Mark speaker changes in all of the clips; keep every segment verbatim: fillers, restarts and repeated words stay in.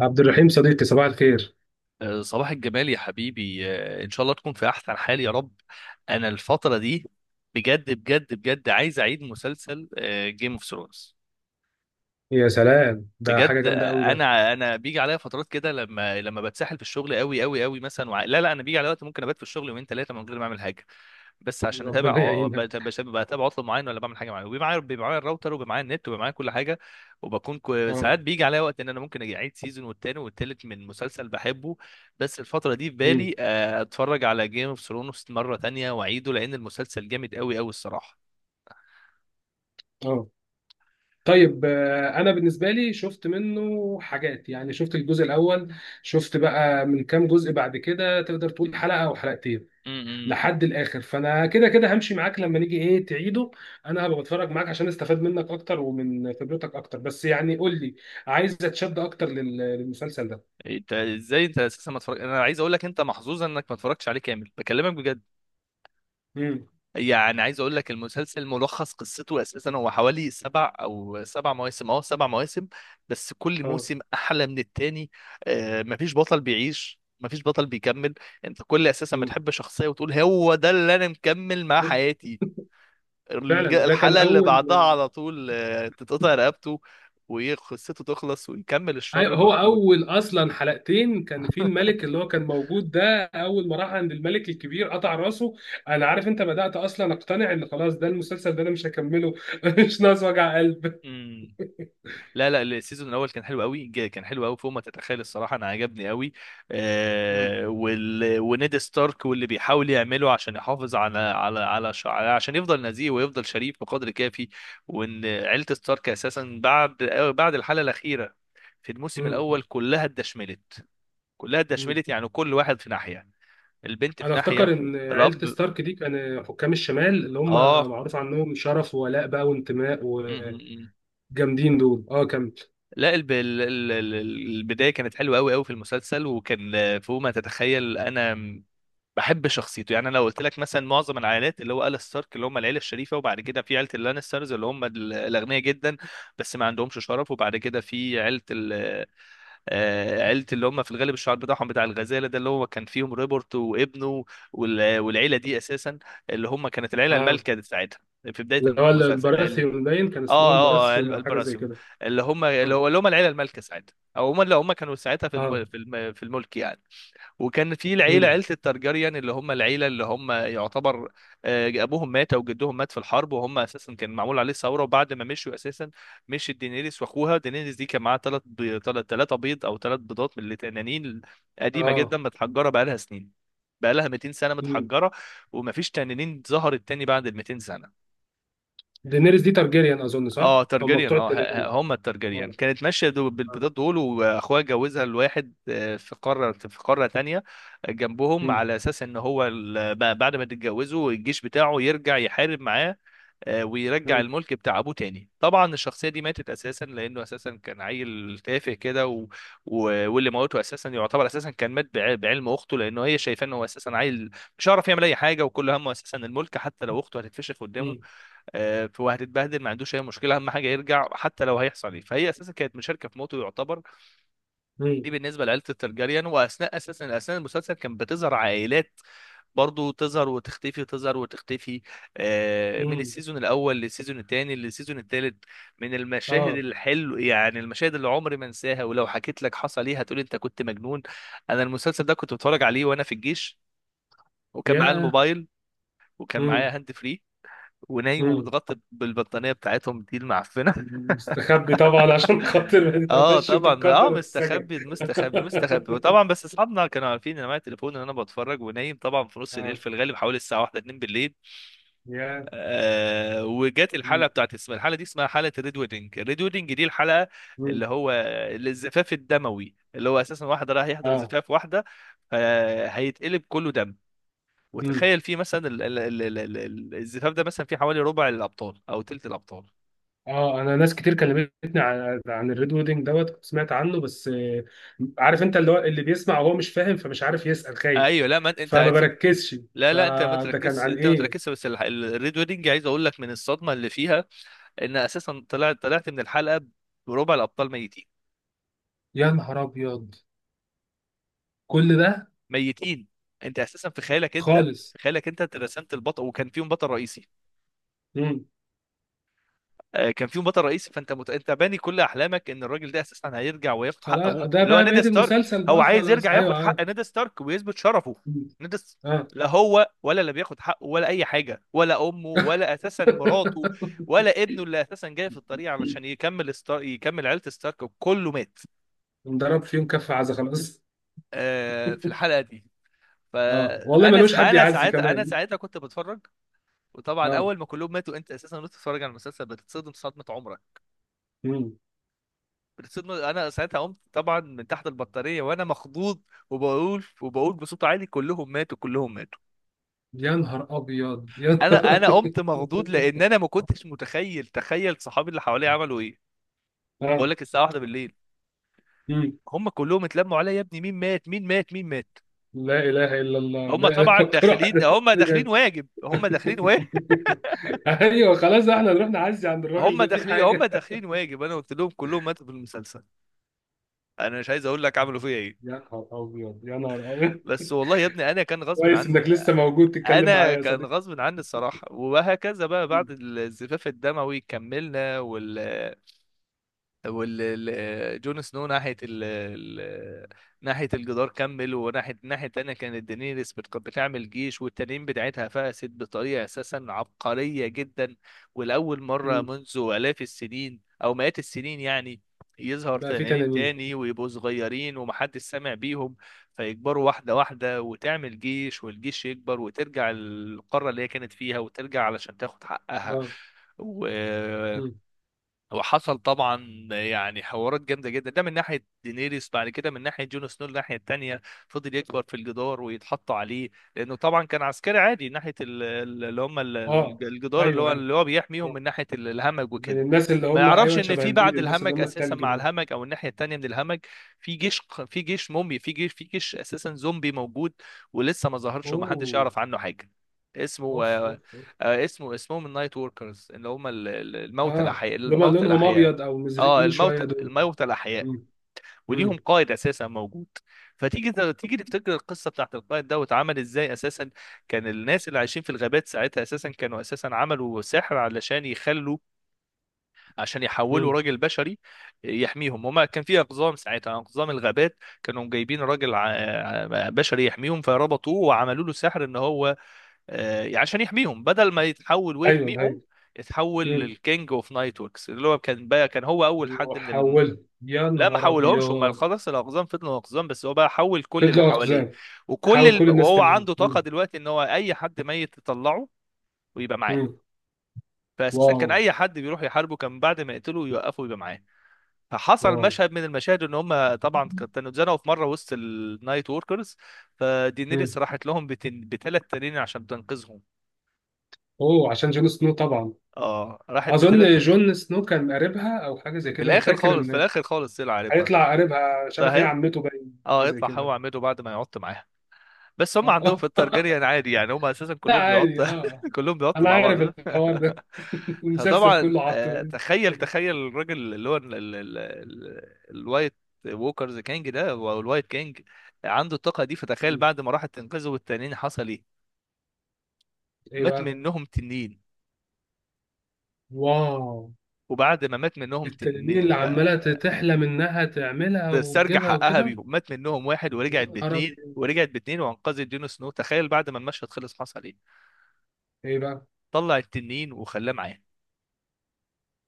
Speaker 1: عبد الرحيم صديقي، صباح الخير.
Speaker 2: آه، صباح الجمال يا حبيبي، آه، ان شاء الله تكون في احسن حال يا رب. انا الفتره دي بجد بجد بجد عايز اعيد مسلسل جيم اوف ثرونز.
Speaker 1: يا سلام، ده
Speaker 2: بجد.
Speaker 1: حاجة جامدة قوي ده.
Speaker 2: انا انا بيجي عليا فترات كده، لما لما بتسحل في الشغل قوي قوي قوي مثلا وع... لا، لا، انا بيجي عليا وقت ممكن ابات في الشغل يومين ثلاثه من غير ما اعمل حاجه، بس عشان اتابع
Speaker 1: ربنا
Speaker 2: ع- بت-
Speaker 1: يعينك.
Speaker 2: بش- بتابع عطل معين، ولا بعمل حاجه معينه، وبيبقى معايا بيبقى معايا الراوتر، وبيبقى معايا النت، وبيبقى معايا كل حاجه. وبكون كو... ساعات
Speaker 1: اه.
Speaker 2: بيجي عليا وقت ان انا ممكن اجي اعيد سيزون والتاني والتالت من مسلسل بحبه. بس الفتره دي في
Speaker 1: امم
Speaker 2: بالي آه، اتفرج على جيم اوف ثرونز مره تانية واعيده، لان المسلسل جامد قوي قوي الصراحه.
Speaker 1: اه. طيب، آه، انا بالنسبة لي شفت منه حاجات. يعني شفت الجزء الاول. شفت بقى من كام جزء بعد كده، تقدر تقول حلقة او حلقتين، لحد الاخر. فانا كده كده همشي معاك لما نيجي ايه تعيده. انا هبقى بتفرج معاك عشان استفاد منك اكتر ومن خبرتك اكتر، بس يعني قول لي، عايز اتشد اكتر لل- للمسلسل ده.
Speaker 2: انت ازاي انت اساسا ما اتفرج، انا عايز اقول لك انت محظوظ انك ما اتفرجتش عليه كامل، بكلمك بجد.
Speaker 1: امم
Speaker 2: يعني عايز اقول لك المسلسل ملخص قصته اساسا هو حوالي سبع او سبع مواسم، اه سبع مواسم، بس كل
Speaker 1: اه.
Speaker 2: موسم احلى من التاني. آه مفيش بطل بيعيش، مفيش بطل بيكمل، انت كل اساسا
Speaker 1: امم
Speaker 2: بتحب شخصية وتقول هو ده اللي انا مكمل مع حياتي، الج-
Speaker 1: فعلا ده كان
Speaker 2: الحلقة اللي
Speaker 1: اول.
Speaker 2: بعدها على طول آه، تتقطع رقبته، وقصته تخلص، ويكمل
Speaker 1: أيوة،
Speaker 2: الشر
Speaker 1: هو
Speaker 2: موجود.
Speaker 1: اول اصلا حلقتين كان في الملك اللي هو كان موجود ده. اول ما راح عند الملك الكبير قطع راسه. انا عارف، انت بدأت اصلا اقتنع ان خلاص ده المسلسل ده انا مش هكمله. مش ناقص وجع قلب.
Speaker 2: لا، لا، السيزون الاول كان حلو قوي، جا- كان حلو قوي فوق ما تتخيل الصراحه، انا عجبني قوي.
Speaker 1: مم.
Speaker 2: آه وال... ونيد ستارك واللي بيحاول يعمله عشان يحافظ على على على ش... عشان يفضل نزيه ويفضل شريف بقدر كافي. وان عيله ستارك اساسا بعد بعد الحلقه الاخيره في الموسم
Speaker 1: مم.
Speaker 2: الاول كلها اتدشملت، كلها
Speaker 1: مم.
Speaker 2: اتدشملت، يعني كل واحد في ناحيه، البنت في
Speaker 1: انا افتكر
Speaker 2: ناحيه،
Speaker 1: ان عيلة
Speaker 2: الاب.
Speaker 1: ستارك دي كان حكام الشمال اللي هم
Speaker 2: اه
Speaker 1: معروف عنهم شرف وولاء بقى وانتماء، وجامدين دول. اه، كمل.
Speaker 2: لا، الب... ال- ال- ال- البدايه كانت حلوه قوي قوي في المسلسل، وكان آه، فوق ما تتخيل. انا م- بحب شخصيته، يعني انا لو قلت لك مثلا معظم العائلات اللي هو آل ستارك اللي هم العيله الشريفه، وبعد كده في عيله اللانسترز اللي هم ال- الاغنياء جدا بس ما عندهمش شرف، وبعد كده في عيله ال... آه، عيله اللي هم في الغالب الشعار بتاعهم بتاع الغزاله، ده اللي هو كان فيهم ريبورت وابنه. وال... والعيله دي اساسا اللي هم كانت العيله
Speaker 1: اه،
Speaker 2: المالكه بتاعتها في بدايه
Speaker 1: اللي هو
Speaker 2: المسلسل.
Speaker 1: البراثيون، باين كان اسمهم
Speaker 2: اه اه ال-
Speaker 1: براثيون او حاجة زي
Speaker 2: البراسيوم،
Speaker 1: كده.
Speaker 2: اللي هم اللي
Speaker 1: مم.
Speaker 2: هو اللي هم العيله المالكه ساعتها، او هم اللي هم كانوا ساعتها في الم...
Speaker 1: اه.
Speaker 2: في الم... في الملك يعني. وكان في العيله
Speaker 1: مم.
Speaker 2: عيله الترجريان، اللي هم العيله، اللي هم يعتبر آه، ابوهم مات او جدهم مات في الحرب، وهم اساسا كان معمول عليه ثوره، وبعد ما مشوا اساسا، مشي دينيريس واخوها. دينيريس دي كان معاها ثلاث بي... ثلاثه بيض او ثلاث بيضات من اللي تنانين قديمه جدا
Speaker 1: اه.
Speaker 2: متحجره بقى لها سنين، بقى لها ميتين سنه
Speaker 1: مم.
Speaker 2: متحجره، ومفيش تنانين ظهرت تاني بعد ال ميتين سنه.
Speaker 1: دينيريس دي تارجيريان، اظن
Speaker 2: اه
Speaker 1: صح، هم
Speaker 2: ترجريان،
Speaker 1: بتوع
Speaker 2: اه ه- ه-
Speaker 1: التنانين.
Speaker 2: هم الترجريان
Speaker 1: اه.
Speaker 2: كانت ماشيه دو
Speaker 1: اه.
Speaker 2: بالبيضات دول، واخوها جوزها لواحد آه، في قاره في قاره تانية جنبهم،
Speaker 1: مم.
Speaker 2: على اساس ان هو ال- ب- بعد ما تتجوزوا الجيش بتاعه يرجع يحارب معاه، آه، ويرجع
Speaker 1: مم.
Speaker 2: الملك بتاع ابوه تاني. طبعا الشخصيه دي ماتت اساسا، لانه اساسا كان عيل تافه كده و... و... واللي موته اساسا يعتبر اساسا كان مات بع- بعلم اخته، لانه هي شايفاه انه هو اساسا عيل مش عارف يعمل اي حاجه، وكل همه اساسا الملك، حتى لو اخته هتتفشخ قدامه
Speaker 1: مم.
Speaker 2: آه، ف- وهتتبهدل، ما عندوش اي مشكله، اهم حاجه يرجع حتى لو هيحصل ايه. فهي اساسا كانت مشاركه في موته يعتبر.
Speaker 1: مم.
Speaker 2: دي بالنسبه لعائله الترجريان. واثناء اساسا اثناء المسلسل كان بتظهر عائلات برضو، تظهر وتختفي، تظهر وتختفي، آه، من
Speaker 1: مم.
Speaker 2: السيزون الاول للسيزون الثاني للسيزون الثالث. من المشاهد
Speaker 1: اه.
Speaker 2: الحلو، يعني المشاهد اللي عمري ما انساها، ولو حكيت لك حصل ايه هتقول انت كنت مجنون. انا المسلسل ده كنت بتفرج عليه وانا في الجيش، وكان معايا
Speaker 1: ياه.
Speaker 2: الموبايل، وكان
Speaker 1: مم.
Speaker 2: معايا هاند فري، ونايم
Speaker 1: مم.
Speaker 2: ومتغطى بالبطانيه بتاعتهم دي المعفنه.
Speaker 1: مستخبي طبعا عشان خاطر ما
Speaker 2: اه
Speaker 1: تتقفش
Speaker 2: طبعا، ما- اه
Speaker 1: وتتقدر وتتسجن.
Speaker 2: مستخبي مستخبي مستخبي، وطبعا بس اصحابنا كانوا عارفين ان معايا تليفون، ان انا بتفرج ونايم، طبعا في نص الليل،
Speaker 1: اه.
Speaker 2: في الغالب حوالي الساعه واحدة اتنين بالليل.
Speaker 1: ياه.
Speaker 2: آه وجت الحلقه
Speaker 1: مم.
Speaker 2: بتاعت اسمها، الحلقه دي اسمها حلقه الريد ويدنج، الريد ويدنج دي الحلقه
Speaker 1: مم.
Speaker 2: اللي هو الزفاف الدموي، اللي هو اساسا واحد رايح يحضر
Speaker 1: اه.
Speaker 2: زفاف واحده آه، هيتقلب كله دم.
Speaker 1: مم.
Speaker 2: وتخيل فيه مثلا ال- ال- ال- ال- ال- الزفاف ده مثلا فيه حوالي ربع الابطال او تلت الابطال.
Speaker 1: اه. انا ناس كتير كلمتني عن عن الريد ويدنج دوت، كنت سمعت عنه بس، آه، عارف انت اللي هو اللي بيسمع وهو مش فاهم، فمش عارف يسأل، خايف،
Speaker 2: ايوه، لا، ما انت،
Speaker 1: فما بركزش.
Speaker 2: لا، لا، انت ما
Speaker 1: فده كان
Speaker 2: تركزش،
Speaker 1: عن
Speaker 2: انت ما
Speaker 1: ايه؟
Speaker 2: تركزش، بس الح- ال- الريد ويدنج عايز اقول لك من الصدمه اللي فيها، ان اساسا طلعت طلعت من الحلقه بربع الابطال ميتين،
Speaker 1: يا نهار ابيض. كل ده؟
Speaker 2: ميتين، انت اساسا في خيالك انت
Speaker 1: خالص.
Speaker 2: في خيالك انت رسمت البطل، وكان فيهم بطل رئيسي
Speaker 1: مم.
Speaker 2: آه، كان فيهم بطل رئيسي، فانت مت... انت باني كل احلامك ان الراجل ده اساسا هيرجع وياخد حق ابوه
Speaker 1: خلاص، ده
Speaker 2: اللي هو
Speaker 1: بقى
Speaker 2: نيد
Speaker 1: بقية
Speaker 2: ستارك،
Speaker 1: المسلسل،
Speaker 2: هو
Speaker 1: بقى
Speaker 2: عايز يرجع
Speaker 1: خلاص، ايوه
Speaker 2: ياخد
Speaker 1: عارف.
Speaker 2: حق نيد ستارك ويثبت شرفه.
Speaker 1: مم.
Speaker 2: نيد س-
Speaker 1: اه.
Speaker 2: لا هو، ولا اللي بياخد حقه، ولا اي حاجه، ولا امه، ولا اساسا مراته، ولا ابنه اللي اساسا جاي في الطريق علشان يكمل ستار... يكمل عيله ستارك، كله مات
Speaker 1: انضرب فيهم كف عزة، خلاص.
Speaker 2: آه، في الحلقه دي.
Speaker 1: اه والله،
Speaker 2: فانا س...
Speaker 1: ملوش حد
Speaker 2: انا
Speaker 1: يعزي
Speaker 2: ساعتها انا
Speaker 1: كمان.
Speaker 2: ساعتها كنت بتفرج، وطبعا
Speaker 1: اه.
Speaker 2: اول ما كلهم ماتوا، انت اساسا وانت بتتفرج على المسلسل، بتتصدم صدمه عمرك.
Speaker 1: مم.
Speaker 2: صرنا- انا ساعتها قمت طبعا من تحت البطاريه وانا مخضوض، وبقول وبقول بصوت عالي: كلهم ماتوا، كلهم ماتوا.
Speaker 1: يا نهار ابيض، يا نهار
Speaker 2: انا انا
Speaker 1: أبيض.
Speaker 2: قمت مخضوض، لان انا ما كنتش متخيل. تخيل صحابي اللي حواليا عملوا ايه، بقول
Speaker 1: اه.
Speaker 2: لك الساعه واحدة بالليل،
Speaker 1: مم.
Speaker 2: هم كلهم اتلموا عليا: يا ابني مين مات، مين مات، مين مات؟
Speaker 1: لا اله الا الله.
Speaker 2: هم
Speaker 1: لا اله
Speaker 2: طبعا
Speaker 1: فكر
Speaker 2: داخلين،
Speaker 1: واحد
Speaker 2: هم داخلين
Speaker 1: بجد.
Speaker 2: واجب، هم داخلين واجب،
Speaker 1: ايوه، خلاص، احنا نروح نعزي عند الراجل
Speaker 2: هم
Speaker 1: ده في
Speaker 2: داخلين، هم
Speaker 1: حاجه.
Speaker 2: داخلين واجب. انا قلت لهم كلهم ماتوا في المسلسل، انا مش عايز اقول لك عملوا فيا ايه.
Speaker 1: يا نهار ابيض، يا نهار ابيض.
Speaker 2: بس والله يا ابني، انا كان غصب
Speaker 1: كويس
Speaker 2: عني،
Speaker 1: انك لسه موجود تتكلم
Speaker 2: انا
Speaker 1: معايا يا
Speaker 2: كان
Speaker 1: صديقي.
Speaker 2: غصب عني الصراحه. وهكذا بقى بعد الزفاف الدموي كملنا، وال وال ال- جون سنو ناحية ال ال- ناحية الجدار كمل، وناحية الناحية التانية كانت دينيريس بت- بتعمل جيش، والتنين بتاعتها فقست بطريقة أساسا عبقرية جدا، ولأول مرة
Speaker 1: مم.
Speaker 2: منذ آلاف السنين أو مئات السنين يعني يظهر
Speaker 1: بقى في
Speaker 2: تنانين
Speaker 1: تنانين؟
Speaker 2: تاني، ويبقوا صغيرين ومحدش سامع بيهم، فيكبروا واحدة واحدة، وتعمل جيش، والجيش يكبر، وترجع القارة اللي هي كانت فيها، وترجع علشان تاخد حقها
Speaker 1: اه.
Speaker 2: و
Speaker 1: مم.
Speaker 2: وحصل طبعا يعني حوارات جامده جدا، ده من ناحيه دينيريس. بعد كده من ناحيه جون سنو، الناحيه التانيه، فضل يكبر في الجدار ويتحط عليه، لانه طبعا كان عسكري عادي ناحيه ال- ال- اللي هم ال- ال-
Speaker 1: اه.
Speaker 2: الجدار، اللي
Speaker 1: ايوه
Speaker 2: هو
Speaker 1: ايوه.
Speaker 2: اللي هو بيحميهم
Speaker 1: آه.
Speaker 2: من ناحيه ال- الهمج
Speaker 1: من
Speaker 2: وكده.
Speaker 1: الناس اللي
Speaker 2: ما
Speaker 1: هم،
Speaker 2: يعرفش
Speaker 1: ايوه،
Speaker 2: ان
Speaker 1: شبه
Speaker 2: في
Speaker 1: البيض،
Speaker 2: بعد
Speaker 1: الناس اللي
Speaker 2: الهمج
Speaker 1: هم
Speaker 2: اساسا،
Speaker 1: التلج
Speaker 2: مع
Speaker 1: دول.
Speaker 2: الهمج او الناحيه التانيه من الهمج، في جيش، في جيش مومي، في جيش، في جيش اساسا زومبي موجود، ولسه ما ظهرش ومحدش
Speaker 1: اوه،
Speaker 2: يعرف عنه حاجه. اسمه
Speaker 1: اوف اوف اوف.
Speaker 2: آه، اسمه اسمهم النايت وركرز، اللي هم ال- ال- الموتى
Speaker 1: اه،
Speaker 2: الاحياء،
Speaker 1: اللي هم
Speaker 2: الموتى
Speaker 1: لونهم
Speaker 2: الاحياء.
Speaker 1: ابيض او
Speaker 2: اه
Speaker 1: مزرقين
Speaker 2: الموتى
Speaker 1: شويه دول.
Speaker 2: الموتى الاحياء،
Speaker 1: مم.
Speaker 2: وليهم
Speaker 1: مم.
Speaker 2: قائد اساسا موجود. فتيجي ت- تيجي تفتكر القصه بتاعت القائد ده واتعمل ازاي اساسا. كان الناس اللي عايشين في الغابات ساعتها اساسا كانوا اساسا عملوا سحر، علشان يخلوا، عشان يحولوا
Speaker 1: مم.
Speaker 2: راجل بشري يحميهم. هما كان في اقزام ساعتها، اقزام الغابات كانوا جايبين راجل ع- ع- بشري يحميهم، فربطوه وعملوا له سحر، ان هو آه، يعني عشان يحميهم، بدل ما يتحول
Speaker 1: ايوه
Speaker 2: ويحميهم،
Speaker 1: ايوه.
Speaker 2: اتحول
Speaker 1: مم.
Speaker 2: للكينج اوف نايت وركس، اللي هو كان بقى كان هو اول حد من ال...
Speaker 1: وحولت؟ يا
Speaker 2: لا، ما
Speaker 1: نهار
Speaker 2: حولهمش، هم
Speaker 1: ابيض.
Speaker 2: خلاص الاقزام فضلوا اقزام، بس هو بقى حول كل اللي
Speaker 1: فضلوا
Speaker 2: حواليه.
Speaker 1: اقزام.
Speaker 2: وكل
Speaker 1: حاول
Speaker 2: الم...
Speaker 1: كل الناس
Speaker 2: وهو
Speaker 1: تانيين.
Speaker 2: عنده طاقه
Speaker 1: مم.
Speaker 2: دلوقتي، ان هو اي حد ميت يطلعه ويبقى معاه.
Speaker 1: مم.
Speaker 2: فاساسا
Speaker 1: واو.
Speaker 2: كان اي حد بيروح يحاربه، كان بعد ما يقتله يوقفه ويبقى معاه. فحصل
Speaker 1: واو.
Speaker 2: مشهد من المشاهد، ان هم طبعا كانوا اتزنقوا في مره وسط النايت وركرز،
Speaker 1: مم.
Speaker 2: فدينيريس راحت لهم بتن... بثلاث تنين عشان تنقذهم.
Speaker 1: اوه، عشان جون سنو طبعا.
Speaker 2: اه راحت بثلاث.
Speaker 1: اظن جون سنو كان قريبها او حاجه زي
Speaker 2: في
Speaker 1: كده، انا
Speaker 2: الاخر
Speaker 1: فاكر
Speaker 2: خالص، في
Speaker 1: ان
Speaker 2: الاخر خالص طلع عارفها.
Speaker 1: هيطلع قريبها، مش
Speaker 2: ده
Speaker 1: عارف، هي
Speaker 2: هيطلع،
Speaker 1: عمته باين حاجه
Speaker 2: اه
Speaker 1: زي
Speaker 2: هيطلع هو
Speaker 1: كده.
Speaker 2: عمته بعد ما يقعد معاها، بس هم
Speaker 1: اه.
Speaker 2: عندهم في
Speaker 1: آه.
Speaker 2: الترجريان عادي، يعني هم اساسا
Speaker 1: لا
Speaker 2: كلهم
Speaker 1: عادي،
Speaker 2: بيقعدوا
Speaker 1: اه.
Speaker 2: كلهم بيقعدوا
Speaker 1: انا
Speaker 2: مع بعض
Speaker 1: عارف الحوار ده. المسلسل
Speaker 2: فطبعا
Speaker 1: كله
Speaker 2: آه،
Speaker 1: عطل.
Speaker 2: تخيل
Speaker 1: كده؟
Speaker 2: تخيل الراجل اللي هو ال- ال- ال- ال- الوايت ووكرز كينج ده، او الوايت كينج، عنده الطاقه دي. فتخيل بعد ما راحت تنقذه والتنين حصل ايه،
Speaker 1: ايه
Speaker 2: مات
Speaker 1: بقى؟
Speaker 2: منهم تنين.
Speaker 1: واو.
Speaker 2: وبعد ما مات منهم
Speaker 1: التنانين
Speaker 2: تنين
Speaker 1: اللي عماله تحلم انها تعملها
Speaker 2: تسترجع
Speaker 1: وتجيبها
Speaker 2: حقها
Speaker 1: وكده.
Speaker 2: بيهم، مات منهم واحد
Speaker 1: يا
Speaker 2: ورجعت
Speaker 1: نهار
Speaker 2: باتنين،
Speaker 1: ابيض.
Speaker 2: ورجعت باتنين وانقذت جون سنو. تخيل بعد ما المشهد خلص حصل ايه،
Speaker 1: ايه بقى؟
Speaker 2: طلع التنين وخلاه معاه،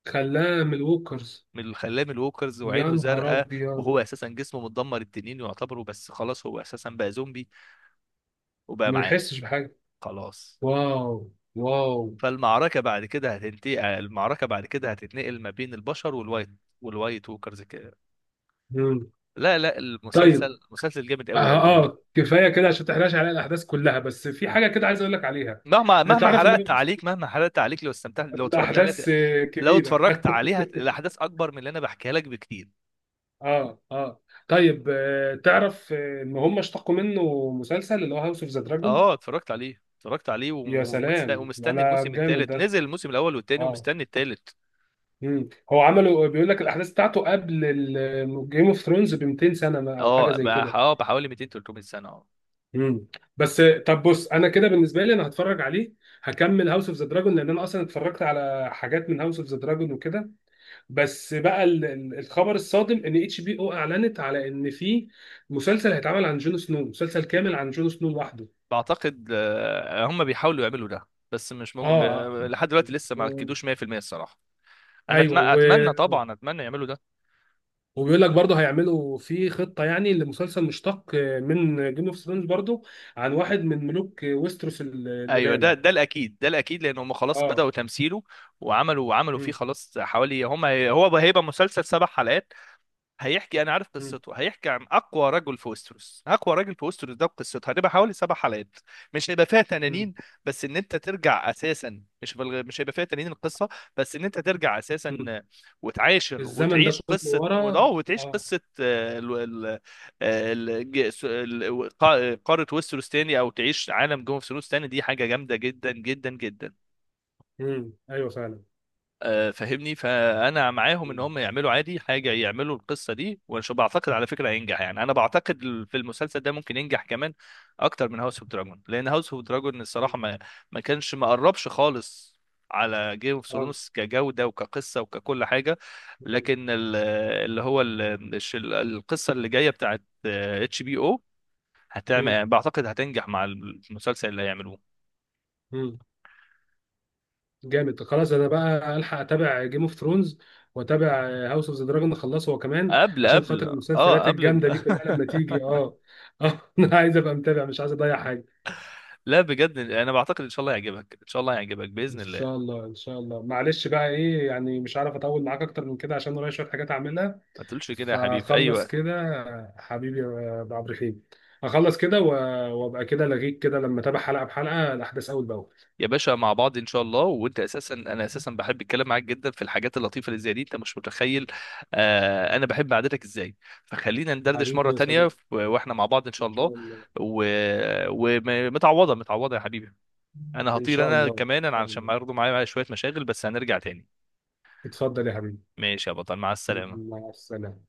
Speaker 1: خلاها من الوكرز.
Speaker 2: من خلاه من الووكرز
Speaker 1: يا
Speaker 2: وعينه
Speaker 1: نهار
Speaker 2: زرقاء،
Speaker 1: ابيض.
Speaker 2: وهو اساسا جسمه متدمر، التنين يعتبره بس خلاص، هو اساسا بقى زومبي وبقى
Speaker 1: ما
Speaker 2: معاه
Speaker 1: يحسش بحاجه.
Speaker 2: خلاص.
Speaker 1: واو. واو.
Speaker 2: فالمعركة بعد كده هتنتقل المعركة بعد كده هتتنقل ما بين البشر والوايت والوايت ووكرز كده.
Speaker 1: مم.
Speaker 2: لا، لا،
Speaker 1: طيب.
Speaker 2: المسلسل مسلسل جامد
Speaker 1: اه.
Speaker 2: قوي قوي.
Speaker 1: آه، كفايه كده عشان تحرقش على الاحداث كلها. بس في حاجه كده عايز اقول لك عليها.
Speaker 2: مهما
Speaker 1: آه،
Speaker 2: مهما
Speaker 1: تعرف ان
Speaker 2: حرقت عليك، مهما حرقت عليك، لو استمتعت، لو اتفرجت عليها
Speaker 1: الاحداث
Speaker 2: ت-
Speaker 1: آه،
Speaker 2: لو
Speaker 1: كبيره.
Speaker 2: اتفرجت عليها ت- الاحداث اكبر من اللي انا بحكيها لك بكتير.
Speaker 1: اه. اه. طيب، آه، تعرف آه، ان هم اشتقوا منه مسلسل اللي هو هاوس اوف ذا دراجون.
Speaker 2: اه اتفرجت عليه، اتفرجت عليه، وم-
Speaker 1: يا
Speaker 2: ومست-
Speaker 1: سلام،
Speaker 2: ومستني
Speaker 1: انا
Speaker 2: الموسم
Speaker 1: جامد
Speaker 2: الثالث.
Speaker 1: ده.
Speaker 2: نزل الموسم الاول والثاني،
Speaker 1: اه.
Speaker 2: ومستني الثالث.
Speaker 1: مم. هو عمله بيقول لك الاحداث بتاعته قبل جيم اوف ثرونز ب ميتين سنه ما- او حاجه
Speaker 2: اه
Speaker 1: زي
Speaker 2: بح-
Speaker 1: كده.
Speaker 2: اه بحوالي ميتين تلت ميه سنه. اه
Speaker 1: مم. بس، آه، طب بص، انا كده بالنسبه لي انا هتفرج عليه. هكمل هاوس اوف ذا دراجون، لان انا اصلا اتفرجت على حاجات من هاوس اوف ذا دراجون وكده. بس بقى ال- ال- الخبر الصادم ان اتش بي او اعلنت على ان في مسلسل هيتعمل عن جون سنو، مسلسل كامل عن جون سنو لوحده.
Speaker 2: بعتقد آه، هم بيحاولوا يعملوا ده، بس مش ممكن.
Speaker 1: اه.
Speaker 2: لحد دلوقتي لسه ما
Speaker 1: و...
Speaker 2: اكدوش ميه بالميه الصراحه. انا أتم-
Speaker 1: ايوه. و...
Speaker 2: اتمنى طبعا، اتمنى يعملوا ده.
Speaker 1: وبيقول لك برضه هيعملوا في خطه، يعني لمسلسل مشتق من جيم اوف ثرونز برضه، عن واحد من ملوك ويستروس ال-
Speaker 2: ايوه، ده
Speaker 1: القدام.
Speaker 2: ده الاكيد، ده الاكيد، لان هم خلاص
Speaker 1: اه.
Speaker 2: بداوا تمثيله، وعملوا وعملوا فيه
Speaker 1: مم.
Speaker 2: خلاص، حوالي هم هو هيبقى مسلسل سبع حلقات، هيحكي، انا عارف
Speaker 1: مم.
Speaker 2: قصته، هيحكي عن اقوى رجل في وستروس، اقوى راجل في وستروس. ده قصته هتبقى حوالي سبع حلقات، مش هيبقى فيها
Speaker 1: مم.
Speaker 2: تنانين. بس ان انت ترجع اساسا، مش بل... مش هيبقى فيها تنانين القصه، بس ان انت ترجع
Speaker 1: مم.
Speaker 2: اساسا، وتعاشر،
Speaker 1: الزمن ده
Speaker 2: وتعيش
Speaker 1: كله
Speaker 2: قصه، وده
Speaker 1: ورا.
Speaker 2: وتعيش
Speaker 1: اه.
Speaker 2: قصه آه، ال... ال... آه، ال... ج- س- ال... قا- قاره وستروس تاني، او تعيش عالم جوه اوف ثرونز تاني، دي حاجه جامده جدا جدا جدا.
Speaker 1: مم. ايوه فعلا.
Speaker 2: آه، فاهمني، فانا معاهم ان
Speaker 1: مم.
Speaker 2: هم يعملوا عادي حاجه، يعملوا القصه دي، وشو بعتقد على فكره هينجح، يعني انا بعتقد ال- في المسلسل ده ممكن ينجح كمان، اكتر من هاوس اوف دراجون، لان هاوس اوف دراجون الصراحه
Speaker 1: مم.
Speaker 2: ما ما كانش، ما قربش خالص على جيم اوف
Speaker 1: اه.
Speaker 2: ثرونز كجوده وكقصه وككل حاجه. لكن ال- اللي هو ال- الش- القصه اللي جايه بتاعت اتش بي او
Speaker 1: مم.
Speaker 2: هتعمل، بعتقد هتنجح مع المسلسل اللي هيعملوه،
Speaker 1: مم. جامد. خلاص انا بقى الحق اتابع جيم اوف ثرونز واتابع هاوس اوف ذا دراجون، اخلصه هو كمان،
Speaker 2: قبل
Speaker 1: عشان
Speaker 2: قبل
Speaker 1: خاطر
Speaker 2: اه
Speaker 1: المسلسلات
Speaker 2: قبل الم...
Speaker 1: الجامده دي كلها لما تيجي. اه. اه. انا عايز ابقى متابع، مش عايز اضيع حاجه.
Speaker 2: لا بجد، انا بعتقد ان شاء الله يعجبك، ان شاء الله يعجبك
Speaker 1: ان
Speaker 2: باذن الله.
Speaker 1: شاء الله، ان شاء الله. معلش بقى، ايه يعني، مش عارف اطول معاك اكتر من كده عشان ورايا شويه حاجات اعملها.
Speaker 2: ما تقولش كده يا حبيبي، في اي
Speaker 1: فخلص
Speaker 2: وقت.
Speaker 1: كده. حبيبي يا ابو عبد الرحيم. اخلص كده و- وابقى كده لغيك كده لما اتابع حلقه بحلقه الاحداث اول باول.
Speaker 2: يا باشا، مع بعض ان شاء الله. وانت اساسا انا اساسا بحب الكلام معاك جدا في الحاجات اللطيفه اللي زي دي، انت مش متخيل، آه انا بحب قعدتك ازاي. فخلينا ندردش
Speaker 1: حبيبي
Speaker 2: مره
Speaker 1: يا
Speaker 2: تانية
Speaker 1: صديقي.
Speaker 2: و- واحنا مع بعض ان
Speaker 1: ان
Speaker 2: شاء الله.
Speaker 1: شاء الله،
Speaker 2: ومتعوضه متعوضه يا حبيبي، انا
Speaker 1: ان
Speaker 2: هطير
Speaker 1: شاء
Speaker 2: انا
Speaker 1: الله. ان
Speaker 2: كمان، انا
Speaker 1: شاء
Speaker 2: علشان
Speaker 1: الله.
Speaker 2: برضه معايا معايا شويه مشاغل، بس هنرجع تاني.
Speaker 1: اتفضل يا حبيبي.
Speaker 2: ماشي يا بطل، مع السلامه.
Speaker 1: مع السلامة.